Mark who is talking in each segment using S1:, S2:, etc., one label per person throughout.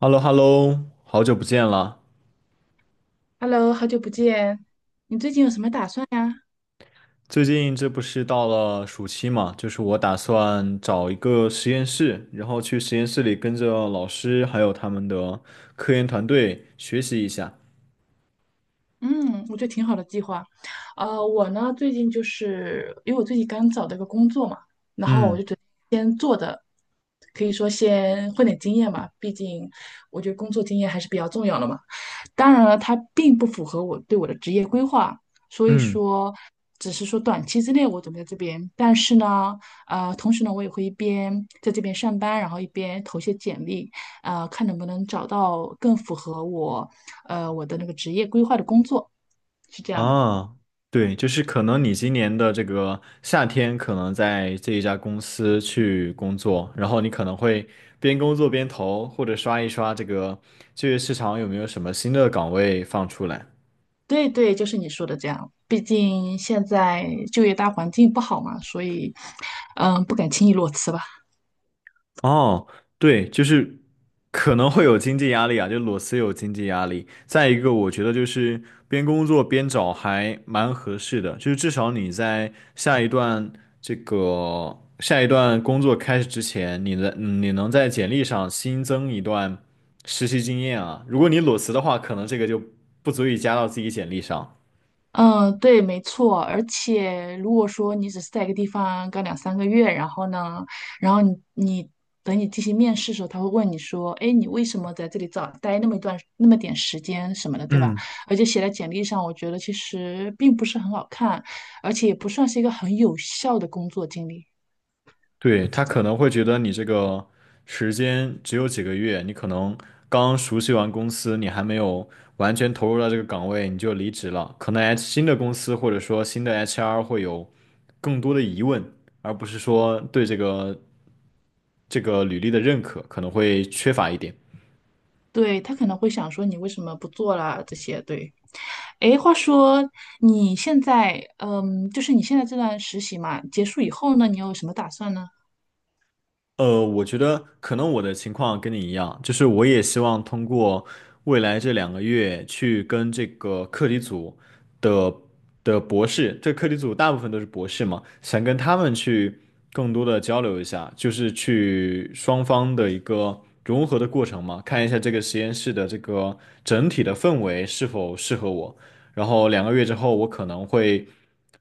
S1: h e l l o h e l l o 好久不见了。
S2: Hello，好久不见，你最近有什么打算呀？
S1: 最近这不是到了暑期嘛，就是我打算找一个实验室，然后去实验室里跟着老师还有他们的科研团队学习一下。
S2: 嗯，我觉得挺好的计划。我呢最近就是因为我最近刚找到一个工作嘛，
S1: 嗯
S2: 可以说先混点经验嘛，毕竟我觉得工作经验还是比较重要的嘛。当然了，它并不符合我对我的职业规划，所以
S1: 嗯
S2: 说只是说短期之内我准备在这边，但是呢，同时呢，我也会一边在这边上班，然后一边投些简历，看能不能找到更符合我，我的那个职业规划的工作，是这样的。
S1: 啊，对，就是可能你今年的这个夏天可能在这一家公司去工作，然后你可能会边工作边投，或者刷一刷这个就业市场有没有什么新的岗位放出来。
S2: 对对，就是你说的这样。毕竟现在就业大环境不好嘛，所以，嗯，不敢轻易裸辞吧。
S1: 哦，对，就是可能会有经济压力啊，就裸辞有经济压力。再一个，我觉得就是边工作边找还蛮合适的，就是至少你在下一段工作开始之前，你的你能在简历上新增一段实习经验啊。如果你裸辞的话，可能这个就不足以加到自己简历上。
S2: 嗯，对，没错。而且，如果说你只是在一个地方干两三个月，然后呢，然后你等你进行面试的时候，他会问你说：“哎，你为什么在这里早待那么一段那么点时间什么的，对吧？”
S1: 嗯。
S2: 而且写在简历上，我觉得其实并不是很好看，而且也不算是一个很有效的工作经历，
S1: 对，
S2: 是
S1: 他
S2: 这
S1: 可
S2: 样。
S1: 能会觉得你这个时间只有几个月，你可能刚熟悉完公司，你还没有完全投入到这个岗位，你就离职了。可能 新的公司或者说新的 HR 会有更多的疑问，而不是说对这个履历的认可可能会缺乏一点。
S2: 对，他可能会想说你为什么不做了这些，对。哎，话说你现在，嗯，就是你现在这段实习嘛，结束以后呢，你有什么打算呢？
S1: 我觉得可能我的情况跟你一样，就是我也希望通过未来这两个月去跟这个课题组。的的博士，这课题组大部分都是博士嘛，想跟他们去更多的交流一下，就是去双方的一个融合的过程嘛，看一下这个实验室的这个整体的氛围是否适合我。然后两个月之后，我可能会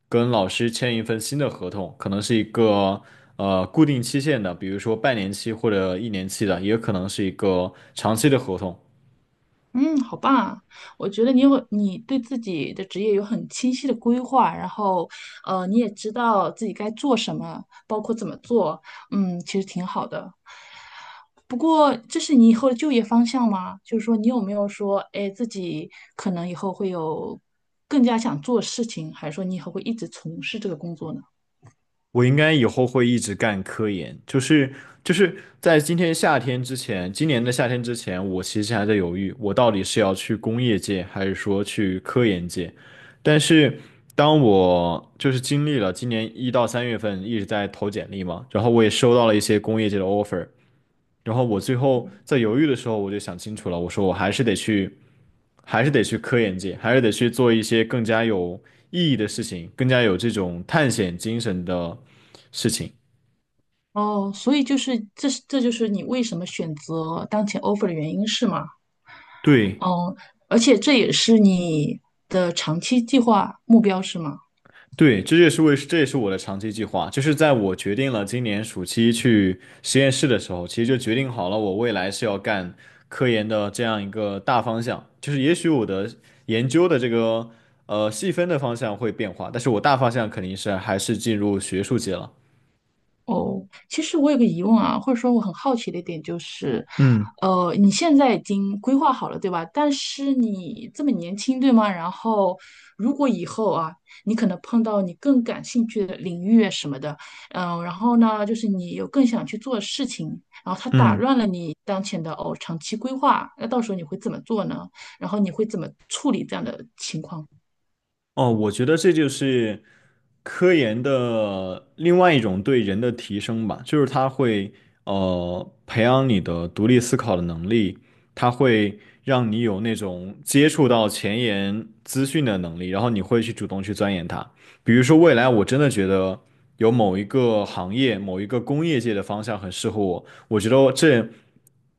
S1: 跟老师签一份新的合同，可能是一个固定期限的，比如说半年期或者一年期的，也有可能是一个长期的合同。
S2: 嗯，好棒啊！我觉得你有你对自己的职业有很清晰的规划，然后，你也知道自己该做什么，包括怎么做，嗯，其实挺好的。不过，这是你以后的就业方向吗？就是说，你有没有说，哎，自己可能以后会有更加想做的事情，还是说你以后会一直从事这个工作呢？
S1: 我应该以后会一直干科研，就是在今天夏天之前，今年的夏天之前，我其实还在犹豫，我到底是要去工业界，还是说去科研界。但是当我就是经历了今年1到3月份一直在投简历嘛，然后我也收到了一些工业界的 offer，然后我最后在犹豫的时候，我就想清楚了，我说我还是得去，还是得去科研界，还是得去做一些更加有意义的事情，更加有这种探险精神的事情。
S2: 哦，所以就是这就是你为什么选择当前 offer 的原因是吗？
S1: 对，
S2: 嗯，而且这也是你的长期计划目标是吗？
S1: 对，这也是我的长期计划。就是在我决定了今年暑期去实验室的时候，其实就决定好了我未来是要干科研的这样一个大方向。就是也许我的研究的这个细分的方向会变化，但是我大方向肯定是还是进入学术界了。
S2: 哦，其实我有个疑问啊，或者说我很好奇的一点就是，
S1: 嗯
S2: 你现在已经规划好了，对吧？但是你这么年轻，对吗？然后如果以后啊，你可能碰到你更感兴趣的领域啊什么的，嗯、然后呢，就是你有更想去做的事情，然后它打
S1: 嗯。
S2: 乱了你当前的哦长期规划，那到时候你会怎么做呢？然后你会怎么处理这样的情况？
S1: 哦，我觉得这就是科研的另外一种对人的提升吧，就是它会培养你的独立思考的能力，它会让你有那种接触到前沿资讯的能力，然后你会去主动去钻研它。比如说未来我真的觉得有某一个行业、某一个工业界的方向很适合我，我觉得这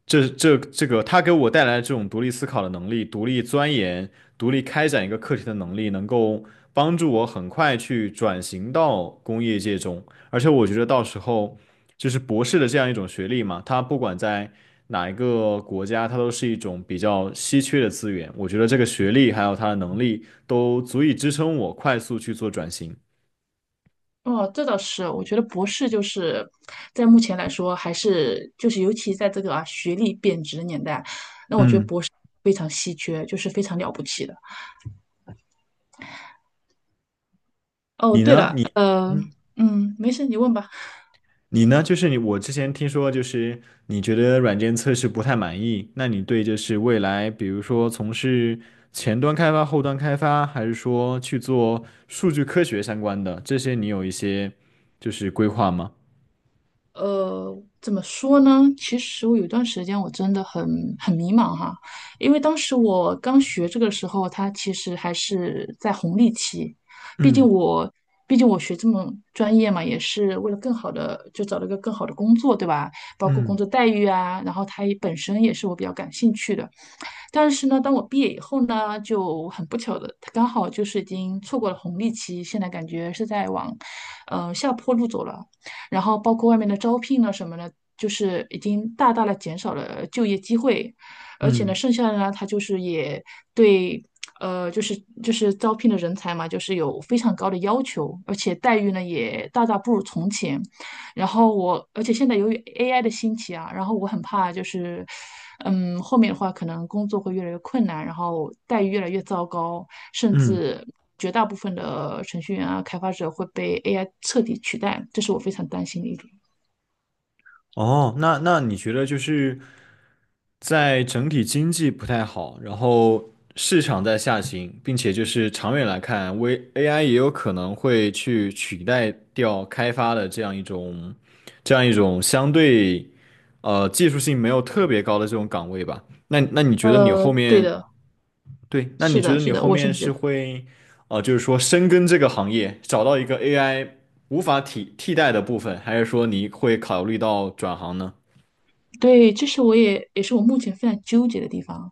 S1: 这这这个他给我带来的这种独立思考的能力、独立钻研、独立开展一个课题的能力，能够帮助我很快去转型到工业界中。而且我觉得到时候就是博士的这样一种学历嘛，它不管在哪一个国家，它都是一种比较稀缺的资源。我觉得这个学历还有他的能力都足以支撑我快速去做转型。
S2: 哦，这倒是，我觉得博士就是在目前来说，还是就是尤其在这个啊学历贬值的年代，那我觉得
S1: 嗯，
S2: 博士非常稀缺，就是非常了不起的。哦，
S1: 你
S2: 对
S1: 呢？
S2: 了，
S1: 嗯。
S2: 嗯，没事，你问吧。
S1: 你呢？就是你，我之前听说，就是你觉得软件测试不太满意，那你对就是未来，比如说从事前端开发、后端开发，还是说去做数据科学相关的，这些你有一些就是规划吗？
S2: 呃，怎么说呢？其实我有一段时间我真的很迷茫哈，因为当时我刚学这个的时候，它其实还是在红利期。毕竟
S1: 嗯
S2: 我，毕竟我学这么专业嘛，也是为了更好的，就找了一个更好的工作，对吧？包括工
S1: 嗯
S2: 作待遇啊，然后它也本身也是我比较感兴趣的。但是呢，当我毕业以后呢，就很不巧的，刚好就是已经错过了红利期，现在感觉是在往，下坡路走了。然后包括外面的招聘呢什么的，就是已经大大的减少了就业机会，而且呢，
S1: 嗯
S2: 剩下的呢，它就是也对。呃，就是就是招聘的人才嘛，就是有非常高的要求，而且待遇呢也大大不如从前。然后我，而且现在由于 AI 的兴起啊，然后我很怕就是，嗯，后面的话可能工作会越来越困难，然后待遇越来越糟糕，甚
S1: 嗯，
S2: 至绝大部分的程序员啊、开发者会被 AI 彻底取代，这是我非常担心的一点。
S1: 哦，那你觉得就是在整体经济不太好，然后市场在下行，并且就是长远来看，微 AI 也有可能会去取代掉开发的这样一种相对技术性没有特别高的这种岗位吧？那那你觉得你
S2: 呃，
S1: 后
S2: 对
S1: 面
S2: 的，
S1: 对，那
S2: 是
S1: 你觉
S2: 的，
S1: 得
S2: 是
S1: 你
S2: 的，
S1: 后
S2: 我甚
S1: 面
S2: 至觉
S1: 是
S2: 得，
S1: 会呃就是说深耕这个行业，找到一个 AI 无法替代的部分，还是说你会考虑到转行呢？
S2: 对，这是我是我目前非常纠结的地方。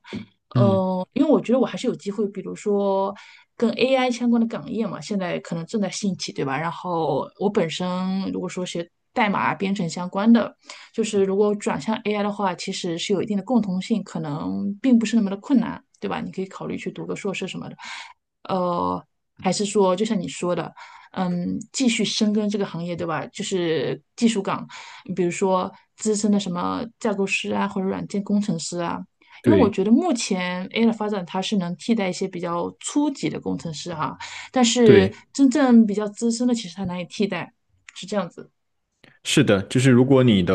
S1: 嗯，
S2: 因为我觉得我还是有机会，比如说跟 AI 相关的岗业嘛，现在可能正在兴起，对吧？然后我本身如果说学代码编程相关的，就是如果转向 AI 的话，其实是有一定的共同性，可能并不是那么的困难，对吧？你可以考虑去读个硕士什么的，呃，还是说就像你说的。嗯，继续深耕这个行业，对吧？就是技术岗，比如说资深的什么架构师啊，或者软件工程师啊，因为我
S1: 对
S2: 觉得目前 AI 的发展，它是能替代一些比较初级的工程师哈，但是
S1: 对，
S2: 真正比较资深的，其实它难以替代，是这样子。
S1: 是的，就是如果你的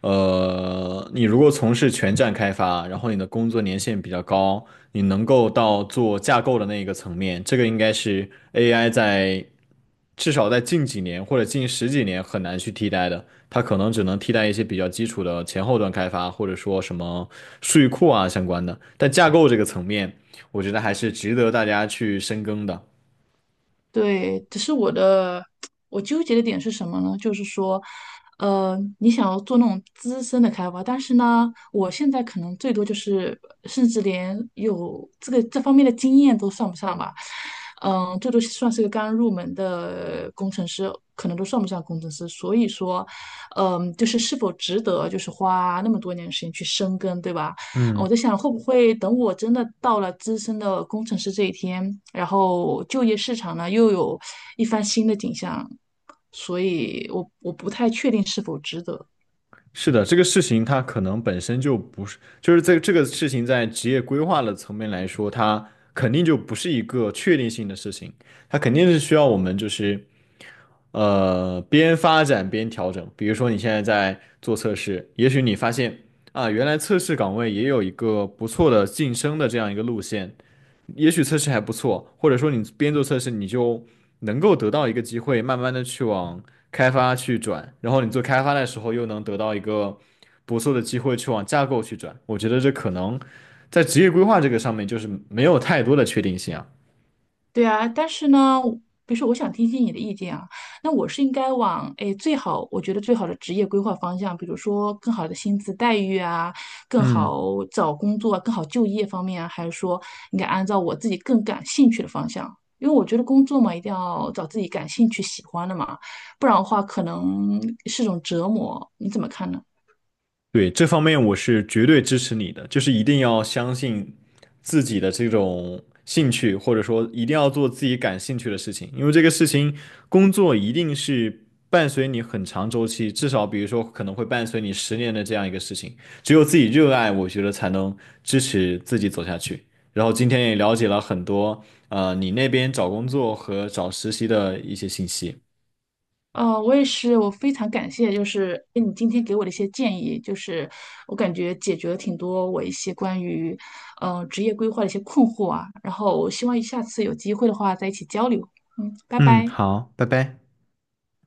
S1: 你如果从事全站开发，然后你的工作年限比较高，你能够到做架构的那一个层面，这个应该是 AI 在至少在近几年或者近十几年很难去替代的，它可能只能替代一些比较基础的前后端开发，或者说什么数据库啊相关的，但架构这个层面，我觉得还是值得大家去深耕的。
S2: 对，只是我纠结的点是什么呢？就是说，你想要做那种资深的开发，但是呢，我现在可能最多就是，甚至连有这个这方面的经验都算不上吧。嗯，最多算是个刚入门的工程师，可能都算不上工程师。所以说，嗯，就是是否值得，就是花那么多年的时间去深耕，对吧？我
S1: 嗯。
S2: 在想，会不会等我真的到了资深的工程师这一天，然后就业市场呢又有一番新的景象，所以我不太确定是否值得。
S1: 是的，这个事情它可能本身就不是，就是这个事情在职业规划的层面来说，它肯定就不是一个确定性的事情，它肯定是需要我们就是边发展边调整。比如说，你现在在做测试，也许你发现啊，原来测试岗位也有一个不错的晋升的这样一个路线，也许测试还不错，或者说你边做测试，你就能够得到一个机会，慢慢的去往开发去转，然后你做开发的时候又能得到一个不错的机会去往架构去转。我觉得这可能在职业规划这个上面就是没有太多的确定性啊。
S2: 对啊，但是呢，比如说我想听听你的意见啊，那我是应该往诶最好，我觉得最好的职业规划方向，比如说更好的薪资待遇啊，更
S1: 嗯。
S2: 好找工作啊，更好就业方面啊，还是说应该按照我自己更感兴趣的方向？因为我觉得工作嘛，一定要找自己感兴趣、喜欢的嘛，不然的话可能是种折磨。你怎么看呢？
S1: 对，这方面我是绝对支持你的，就是一定要相信自己的这种兴趣，或者说一定要做自己感兴趣的事情，因为这个事情工作一定是伴随你很长周期，至少比如说可能会伴随你10年的这样一个事情，只有自己热爱，我觉得才能支持自己走下去。然后今天也了解了很多，你那边找工作和找实习的一些信息。
S2: 我也是，我非常感谢，就是哎，诶你今天给我的一些建议，就是我感觉解决了挺多我一些关于，职业规划的一些困惑啊。然后我希望下次有机会的话再一起交流。嗯，拜
S1: 嗯，
S2: 拜。
S1: 好，拜拜。